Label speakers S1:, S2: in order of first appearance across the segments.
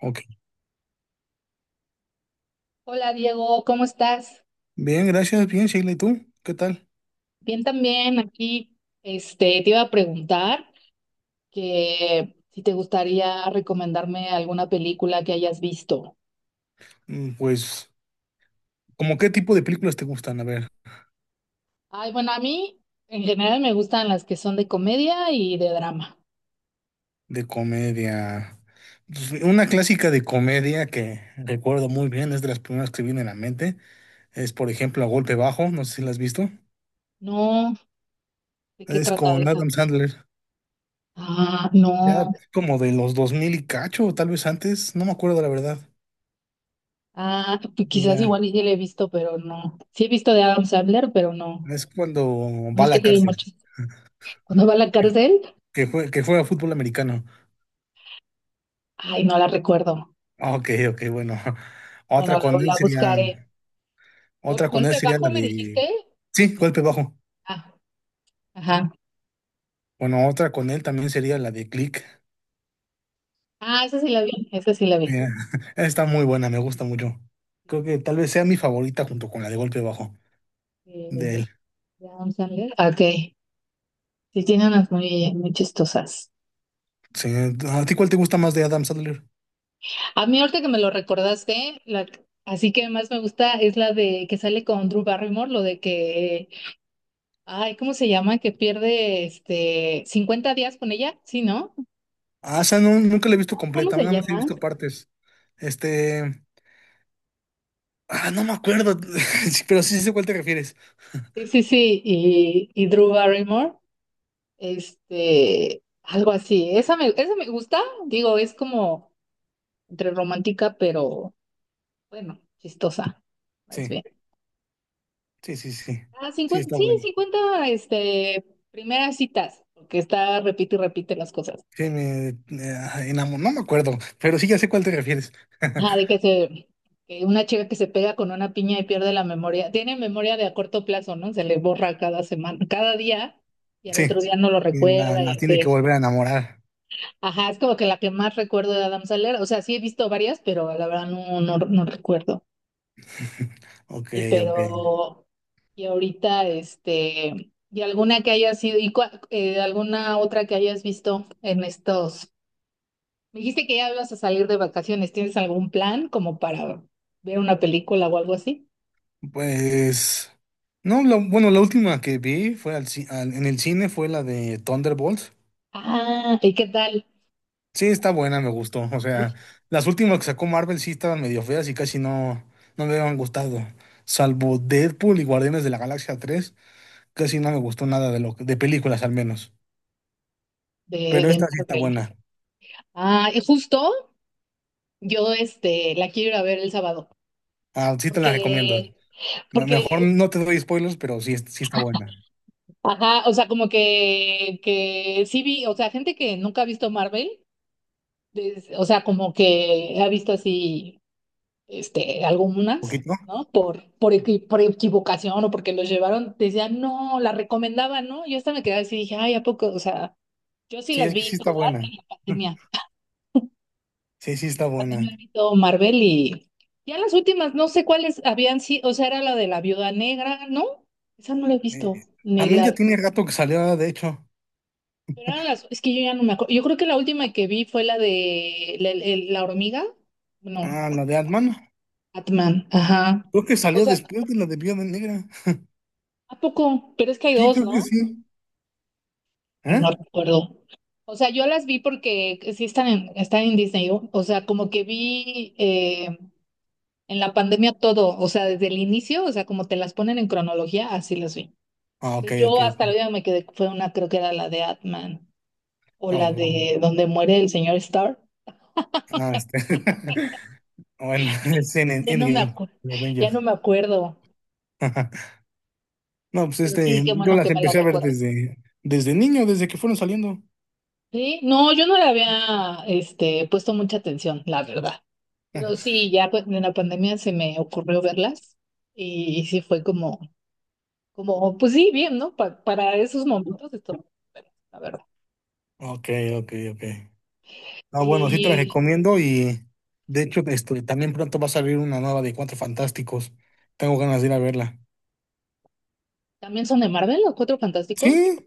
S1: Ok.
S2: Hola Diego, ¿cómo estás?
S1: Bien, gracias. Bien, Sheila. ¿Y tú? ¿Qué tal?
S2: Bien también aquí. Te iba a preguntar que si te gustaría recomendarme alguna película que hayas visto.
S1: Pues, ¿cómo qué tipo de películas te gustan? A ver,
S2: Ay, bueno, a mí en general me gustan las que son de comedia y de drama.
S1: de comedia. Pues, una clásica de comedia que recuerdo muy bien, es de las primeras que viene a la mente. Es, por ejemplo, A Golpe Bajo. No sé si la has visto.
S2: No, ¿de qué
S1: Es
S2: trata
S1: con
S2: esa?
S1: Adam Sandler.
S2: Ah, no.
S1: Ya como de los 2000 y cacho, o tal vez antes. No me acuerdo la verdad.
S2: Ah, pues
S1: Y
S2: quizás
S1: ya.
S2: igual y sí la he visto, pero no. Sí he visto de Adam Sandler, pero no.
S1: Es cuando
S2: No
S1: va a
S2: es que
S1: la
S2: tiene
S1: cárcel.
S2: mucho. Cuando va a la
S1: Que,
S2: cárcel,
S1: que juega fútbol americano.
S2: ay, no la recuerdo.
S1: Ah, ok, ok, bueno.
S2: Bueno,
S1: Otra con
S2: la,
S1: él
S2: la
S1: sería.
S2: buscaré.
S1: Otra con él
S2: ¿Golpe
S1: sería
S2: bajo
S1: la
S2: me dijiste?
S1: de... Sí,
S2: No.
S1: golpe bajo.
S2: Ah, ajá.
S1: Bueno, otra con él también sería la de Click.
S2: Ah, esa sí la vi, esa sí la vi.
S1: Mira, está muy buena, me gusta mucho. Creo que tal vez sea mi favorita junto con la de golpe bajo
S2: Eh,
S1: de él.
S2: de Adam Sandler. Ah, ok. Sí, tiene unas muy, muy chistosas.
S1: Sí, ¿a ti cuál te gusta más de Adam Sandler?
S2: A mí ahorita que me lo recordaste, así que más me gusta es la de que sale con Drew Barrymore, lo de que, ay, ¿cómo se llama? Que pierde 50 días con ella, ¿sí, no?
S1: Ah, esa no, nunca la he visto
S2: ¿Cómo
S1: completa,
S2: se
S1: nada más he
S2: llama?
S1: visto partes. Este... Ah, no me acuerdo, sí, pero sí sé cuál te refieres.
S2: Sí, sí, sí, y Drew Barrymore. Algo así. Esa me gusta, digo, es como entre romántica, pero bueno, chistosa, más
S1: Sí,
S2: bien.
S1: sí, sí, sí.
S2: Ah,
S1: Sí,
S2: cincuenta
S1: está
S2: sí,
S1: bueno.
S2: cincuenta primeras citas, porque está, repite y repite las cosas.
S1: Sí, enamoró, no me acuerdo, pero sí ya sé cuál te refieres.
S2: Ajá, que una chica que se pega con una piña y pierde la memoria, tiene memoria de a corto plazo, ¿no? Se le borra cada semana, cada día, y al
S1: Sí,
S2: otro día no lo
S1: y
S2: recuerda y
S1: la tiene
S2: así.
S1: que volver a enamorar.
S2: Ajá, es como que la que más recuerdo de Adam Sandler, o sea, sí he visto varias, pero la verdad no, no recuerdo.
S1: Ok,
S2: Y
S1: ok.
S2: pero, y ahorita, y alguna que haya sido, alguna otra que hayas visto en estos. Me dijiste que ya ibas a salir de vacaciones. ¿Tienes algún plan como para ver una película o algo así?
S1: Pues, no, bueno, la última que vi fue en el cine fue la de Thunderbolts.
S2: Ah, ¿y qué tal?
S1: Sí, está buena, me gustó. O sea,
S2: De,
S1: las últimas que sacó Marvel sí estaban medio feas y casi no me habían gustado. Salvo Deadpool y Guardianes de la Galaxia 3, casi no me gustó nada de de películas al menos. Pero
S2: de
S1: esta sí está
S2: Marvel.
S1: buena.
S2: Ah, y justo yo, la quiero ir a ver el sábado.
S1: Ah, sí te la recomiendo.
S2: Porque
S1: Mejor
S2: porque,
S1: no te doy spoilers, pero sí, sí está buena.
S2: ajá, o sea, como que sí vi, o sea, gente que nunca ha visto Marvel, o sea, como que ha visto así, algunas,
S1: ¿Poquito?
S2: ¿no? Por equivocación o porque los llevaron, decían, no, las recomendaban, ¿no? Yo hasta me quedaba así, dije, ay, ¿a poco? O sea, yo sí
S1: Sí,
S2: las
S1: es que
S2: vi
S1: sí está
S2: todas
S1: buena.
S2: en la pandemia.
S1: Sí, sí está
S2: También
S1: buena.
S2: me he visto Marvel y ya las últimas, no sé cuáles habían sido, o sea, era la de la Viuda Negra, ¿no? Esa no la he
S1: Eh,
S2: visto, ni
S1: también ya
S2: la.
S1: tiene rato que salió, de hecho.
S2: Es que yo ya no me acuerdo. Yo creo que la última que vi fue la de la hormiga. No,
S1: Ah, la de Ant-Man.
S2: Batman, ajá.
S1: Creo que
S2: O
S1: salió
S2: sea,
S1: después de la de Viuda Negra.
S2: ¿a poco? Pero es que hay
S1: Sí,
S2: dos,
S1: creo que
S2: ¿no?
S1: sí. ¿Eh?
S2: No recuerdo. O sea, yo las vi porque sí están en Disney. O sea, como que vi, en la pandemia todo, o sea, desde el inicio, o sea, como te las ponen en cronología, así las vi.
S1: Ah, ok,
S2: Entonces,
S1: ok,
S2: yo hasta la
S1: ok.
S2: vida me quedé, fue una, creo que era la de Atman o
S1: Ah,
S2: la
S1: bueno.
S2: de donde muere el señor Starr.
S1: Ah, Bueno, es en
S2: Ya no me
S1: Endgame,
S2: acuerdo,
S1: de
S2: ya
S1: Avengers.
S2: no me acuerdo,
S1: No, pues
S2: pero sí, qué
S1: yo
S2: bueno
S1: las
S2: que me la
S1: empecé a ver
S2: recuerdo.
S1: desde, desde niño, desde que fueron saliendo.
S2: Sí, no, yo no le había, puesto mucha atención, la verdad. Pero sí, ya pues, en la pandemia se me ocurrió verlas sí fue como, pues sí, bien, ¿no? Para esos momentos, la verdad.
S1: Ok, ok, ok. No, bueno, sí te la
S2: Y
S1: recomiendo y de hecho también pronto va a salir una nueva de Cuatro Fantásticos. Tengo ganas de ir a verla.
S2: también son de Marvel, los Cuatro Fantásticos.
S1: Sí,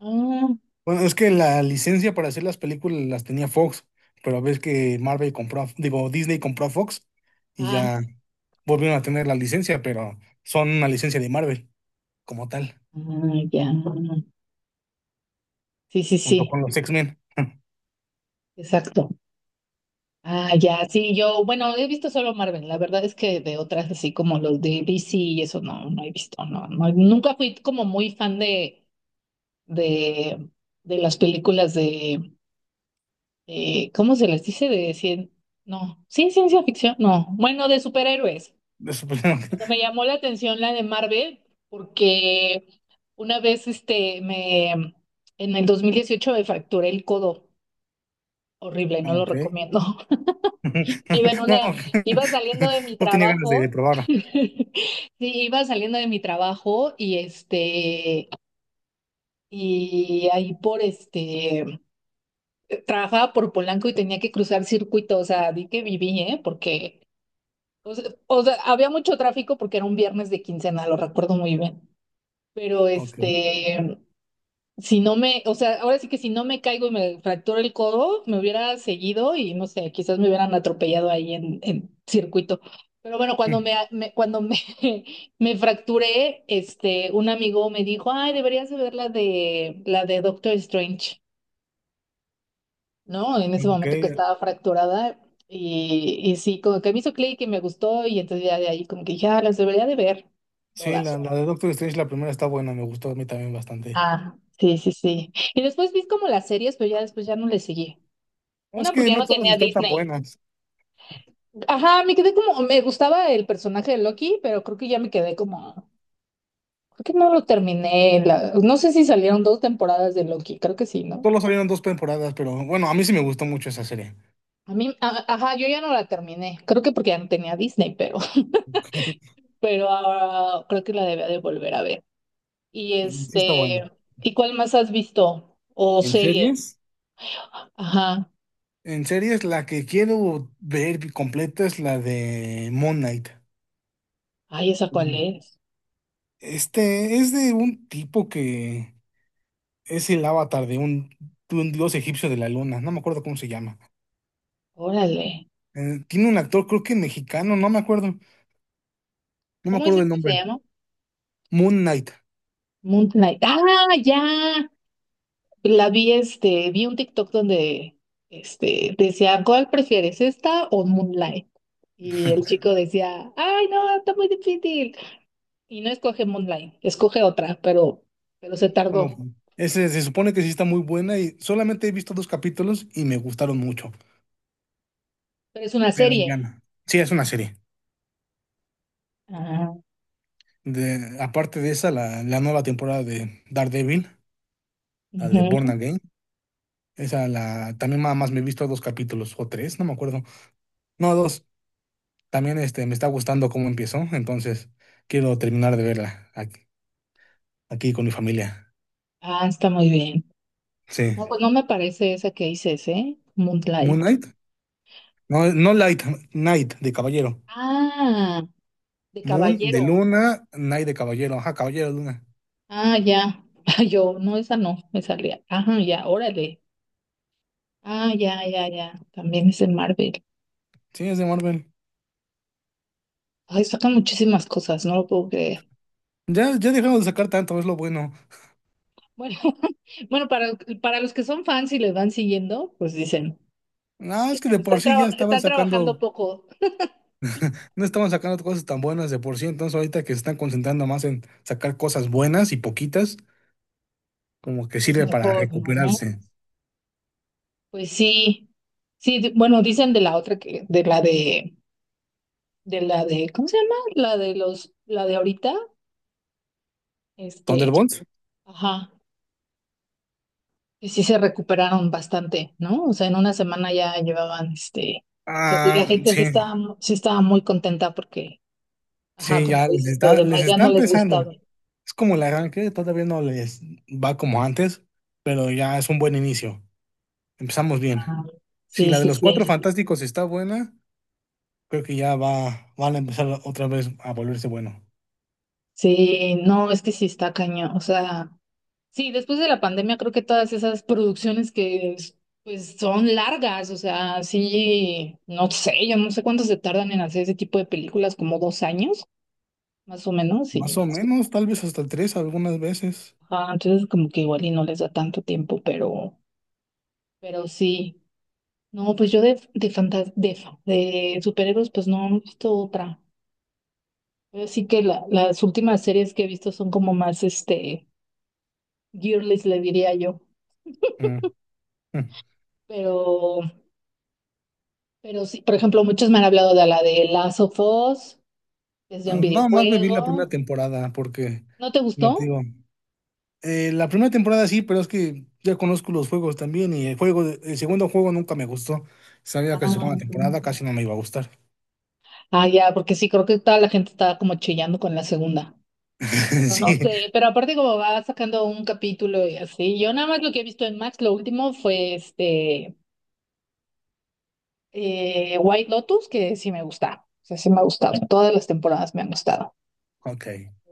S2: Ah,
S1: bueno, es que la licencia para hacer las películas las tenía Fox, pero ves que Marvel compró, digo, Disney compró a Fox y
S2: ah,
S1: ya volvieron a tener la licencia, pero son una licencia de Marvel como tal,
S2: ah, ya. Sí, sí,
S1: junto
S2: sí,
S1: con los X-Men.
S2: exacto. Ah, ya, sí, yo, bueno, he visto solo Marvel, la verdad es que de otras así como los de DC y eso no, no he visto, no, no, nunca fui como muy fan de, de, de las películas de, ¿cómo se les dice? De cien, no, sí, ciencia ficción, no, bueno, de superhéroes.
S1: Eso, pues, ah,
S2: Pero me llamó la atención la de Marvel, porque una vez, en el 2018 me fracturé el codo, horrible, no lo
S1: ok.
S2: recomiendo. Iba en
S1: No,
S2: una, Iba saliendo de mi
S1: no tenía ganas de
S2: trabajo,
S1: probarla.
S2: sí, iba saliendo de mi trabajo. Y ahí, trabajaba por Polanco y tenía que cruzar circuito, o sea, di que viví, ¿eh? O sea, había mucho tráfico porque era un viernes de quincena, lo recuerdo muy bien. Pero
S1: Ok.
S2: este, si no me, O sea, ahora sí que si no me caigo y me fracturo el codo, me hubiera seguido y no sé, quizás me hubieran atropellado ahí en circuito. Pero bueno, cuando
S1: Mm,
S2: me, me- cuando me, me fracturé, un amigo me dijo, ay, deberías de ver la de Doctor Strange. ¿No? En ese
S1: ok,
S2: momento que estaba fracturada y sí, como que me hizo clic y me gustó y entonces ya de ahí como que dije, ah, las debería de ver
S1: sí,
S2: todas.
S1: la de Doctor Strange, la primera está buena, me gustó a mí también bastante.
S2: Ah, sí, sí, sí. Y después vi como las series, pero ya después ya no le seguí.
S1: No, es
S2: Una
S1: que
S2: porque ya
S1: no
S2: no
S1: todas
S2: tenía
S1: están tan
S2: Disney.
S1: buenas.
S2: Ajá, me quedé como, me gustaba el personaje de Loki, pero creo que ya me quedé como, creo que no lo terminé. No sé si salieron dos temporadas de Loki, creo que sí, ¿no?
S1: Solo salieron dos temporadas, pero bueno, a mí sí me gustó mucho esa serie.
S2: Ajá, yo ya no la terminé, creo que porque ya no tenía Disney, pero, pero ahora creo que la debía de volver a ver. Y
S1: Sí está buena.
S2: este, ¿Y cuál más has visto? O
S1: ¿En
S2: serie.
S1: series?
S2: Ajá.
S1: En series, la que quiero ver completa es la de Moon Knight.
S2: Ay, ¿esa cuál es?
S1: Este es de un tipo que es el avatar de un dios egipcio de la luna, no me acuerdo cómo se llama.
S2: Órale.
S1: Tiene un actor, creo que mexicano, no me acuerdo, no me
S2: ¿Cómo
S1: acuerdo
S2: dices
S1: del
S2: que se
S1: nombre.
S2: llama?
S1: Moon Knight.
S2: Moon Knight. Ah, ya. La vi, vi un TikTok donde, decía, ¿cuál prefieres, esta o Moonlight? Y el chico decía, ay, no, está muy difícil. Y no escoge Moonlight, escoge otra, pero se
S1: Bueno,
S2: tardó.
S1: ese se supone que sí está muy buena y solamente he visto dos capítulos y me gustaron mucho.
S2: Pero es una
S1: Pero ya,
S2: serie.
S1: no. Sí, es una serie.
S2: Ah,
S1: De, aparte de esa, la nueva temporada de Daredevil, la de Born
S2: ujú.
S1: Again, esa la también nada más me he visto dos capítulos o tres, no me acuerdo. No, dos. También me está gustando cómo empezó, entonces quiero terminar de verla aquí, aquí con mi familia.
S2: Ah, está muy bien.
S1: Sí.
S2: No, pues no me parece esa que dices, ¿eh?
S1: ¿Moon
S2: Moonlight.
S1: Knight? No, no Light, Knight de caballero.
S2: Ah, de
S1: Moon de
S2: caballero.
S1: luna, Knight de caballero. Ajá, caballero de luna.
S2: Ah, ya. Yo, no, esa no, me salía. Ajá, ya, órale. Ah, ya, ya, ya. También es en Marvel.
S1: Sí, es de Marvel.
S2: Ay, sacan muchísimas cosas, no lo puedo creer.
S1: Ya, ya dejaron de sacar tanto, es lo bueno.
S2: Bueno, bueno, para los que son fans y les van siguiendo, pues dicen,
S1: No, es que de por
S2: están,
S1: sí ya
S2: traba-
S1: estaban
S2: están trabajando
S1: sacando,
S2: poco,
S1: no estaban sacando cosas tan buenas de por sí, entonces ahorita que se están concentrando más en sacar cosas buenas y poquitas, como que
S2: pues
S1: sirve para
S2: mejor, ¿no?
S1: recuperarse.
S2: Pues sí. Sí, bueno, dicen de la otra que, de la de, ¿cómo se llama? La de ahorita, este,
S1: ¿Thunderbolts?
S2: ajá, y sí se recuperaron bastante, ¿no? O sea, en una semana ya llevaban, o sea, sí, la
S1: Ah,
S2: gente sí
S1: sí,
S2: estaba, sí estaba muy contenta porque, ajá,
S1: sí,
S2: como
S1: ya
S2: dices, lo
S1: les
S2: demás ya
S1: está
S2: no les
S1: empezando.
S2: gustaba.
S1: Es como el arranque, todavía no les va como antes, pero ya es un buen inicio. Empezamos bien.
S2: Ah,
S1: Si
S2: sí,
S1: la de
S2: sí,
S1: los Cuatro
S2: sí.
S1: Fantásticos está buena, creo que ya va, van a empezar otra vez a volverse bueno.
S2: Sí, no, es que sí está cañón. O sea, sí, después de la pandemia creo que todas esas producciones que pues son largas, o sea, sí, no sé, yo no sé cuánto se tardan en hacer ese tipo de películas, como 2 años más o menos, y
S1: Más o menos, tal vez hasta tres algunas veces.
S2: ajá, entonces como que igual y no les da tanto tiempo, pero sí. No, pues yo de fantas- de, fa- de superhéroes, pues no, no he visto otra. Así que las últimas series que he visto son como más girlies, le diría yo.
S1: Mm, mm.
S2: Pero, pero sí, por ejemplo, muchos me han hablado de la de Last of Us, desde un
S1: Ah, nada más me vi la
S2: videojuego.
S1: primera temporada porque,
S2: ¿No te
S1: no te
S2: gustó?
S1: digo, la primera temporada sí, pero es que ya conozco los juegos también y el juego, el segundo juego nunca me gustó. Sabía que la
S2: Ah,
S1: segunda temporada casi no me iba a gustar.
S2: ah, ya, porque sí, creo que toda la gente estaba como chillando con la segunda. Pero no
S1: Sí,
S2: sé, pero aparte como va sacando un capítulo y así, yo nada más lo que he visto en Max, lo último fue White Lotus, que sí me gusta, o sea, sí me ha gustado, todas las temporadas me han gustado.
S1: ok,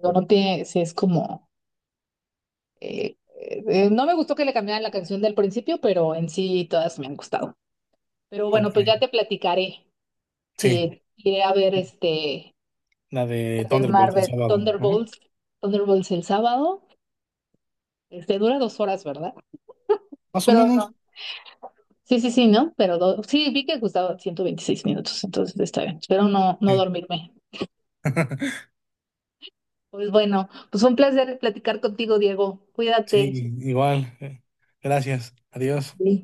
S2: No, no tiene, sí es como, no me gustó que le cambiaran la canción del principio, pero en sí todas me han gustado. Pero bueno,
S1: ok,
S2: pues ya te platicaré,
S1: sí.
S2: sí, iré a ver
S1: La
S2: la
S1: de
S2: de
S1: Thunderbolt el
S2: Marvel,
S1: sábado, ¿no?
S2: Thunderbolts, el sábado, dura 2 horas, ¿verdad?
S1: Más o
S2: Espero no.
S1: menos.
S2: Sí, sí, sí, ¿no? Pero sí, vi que gustaba 126 minutos, entonces está bien. Espero no, no dormirme. Pues bueno, pues fue un placer platicar contigo, Diego.
S1: Sí,
S2: Cuídate.
S1: igual. Gracias. Adiós.
S2: Sí.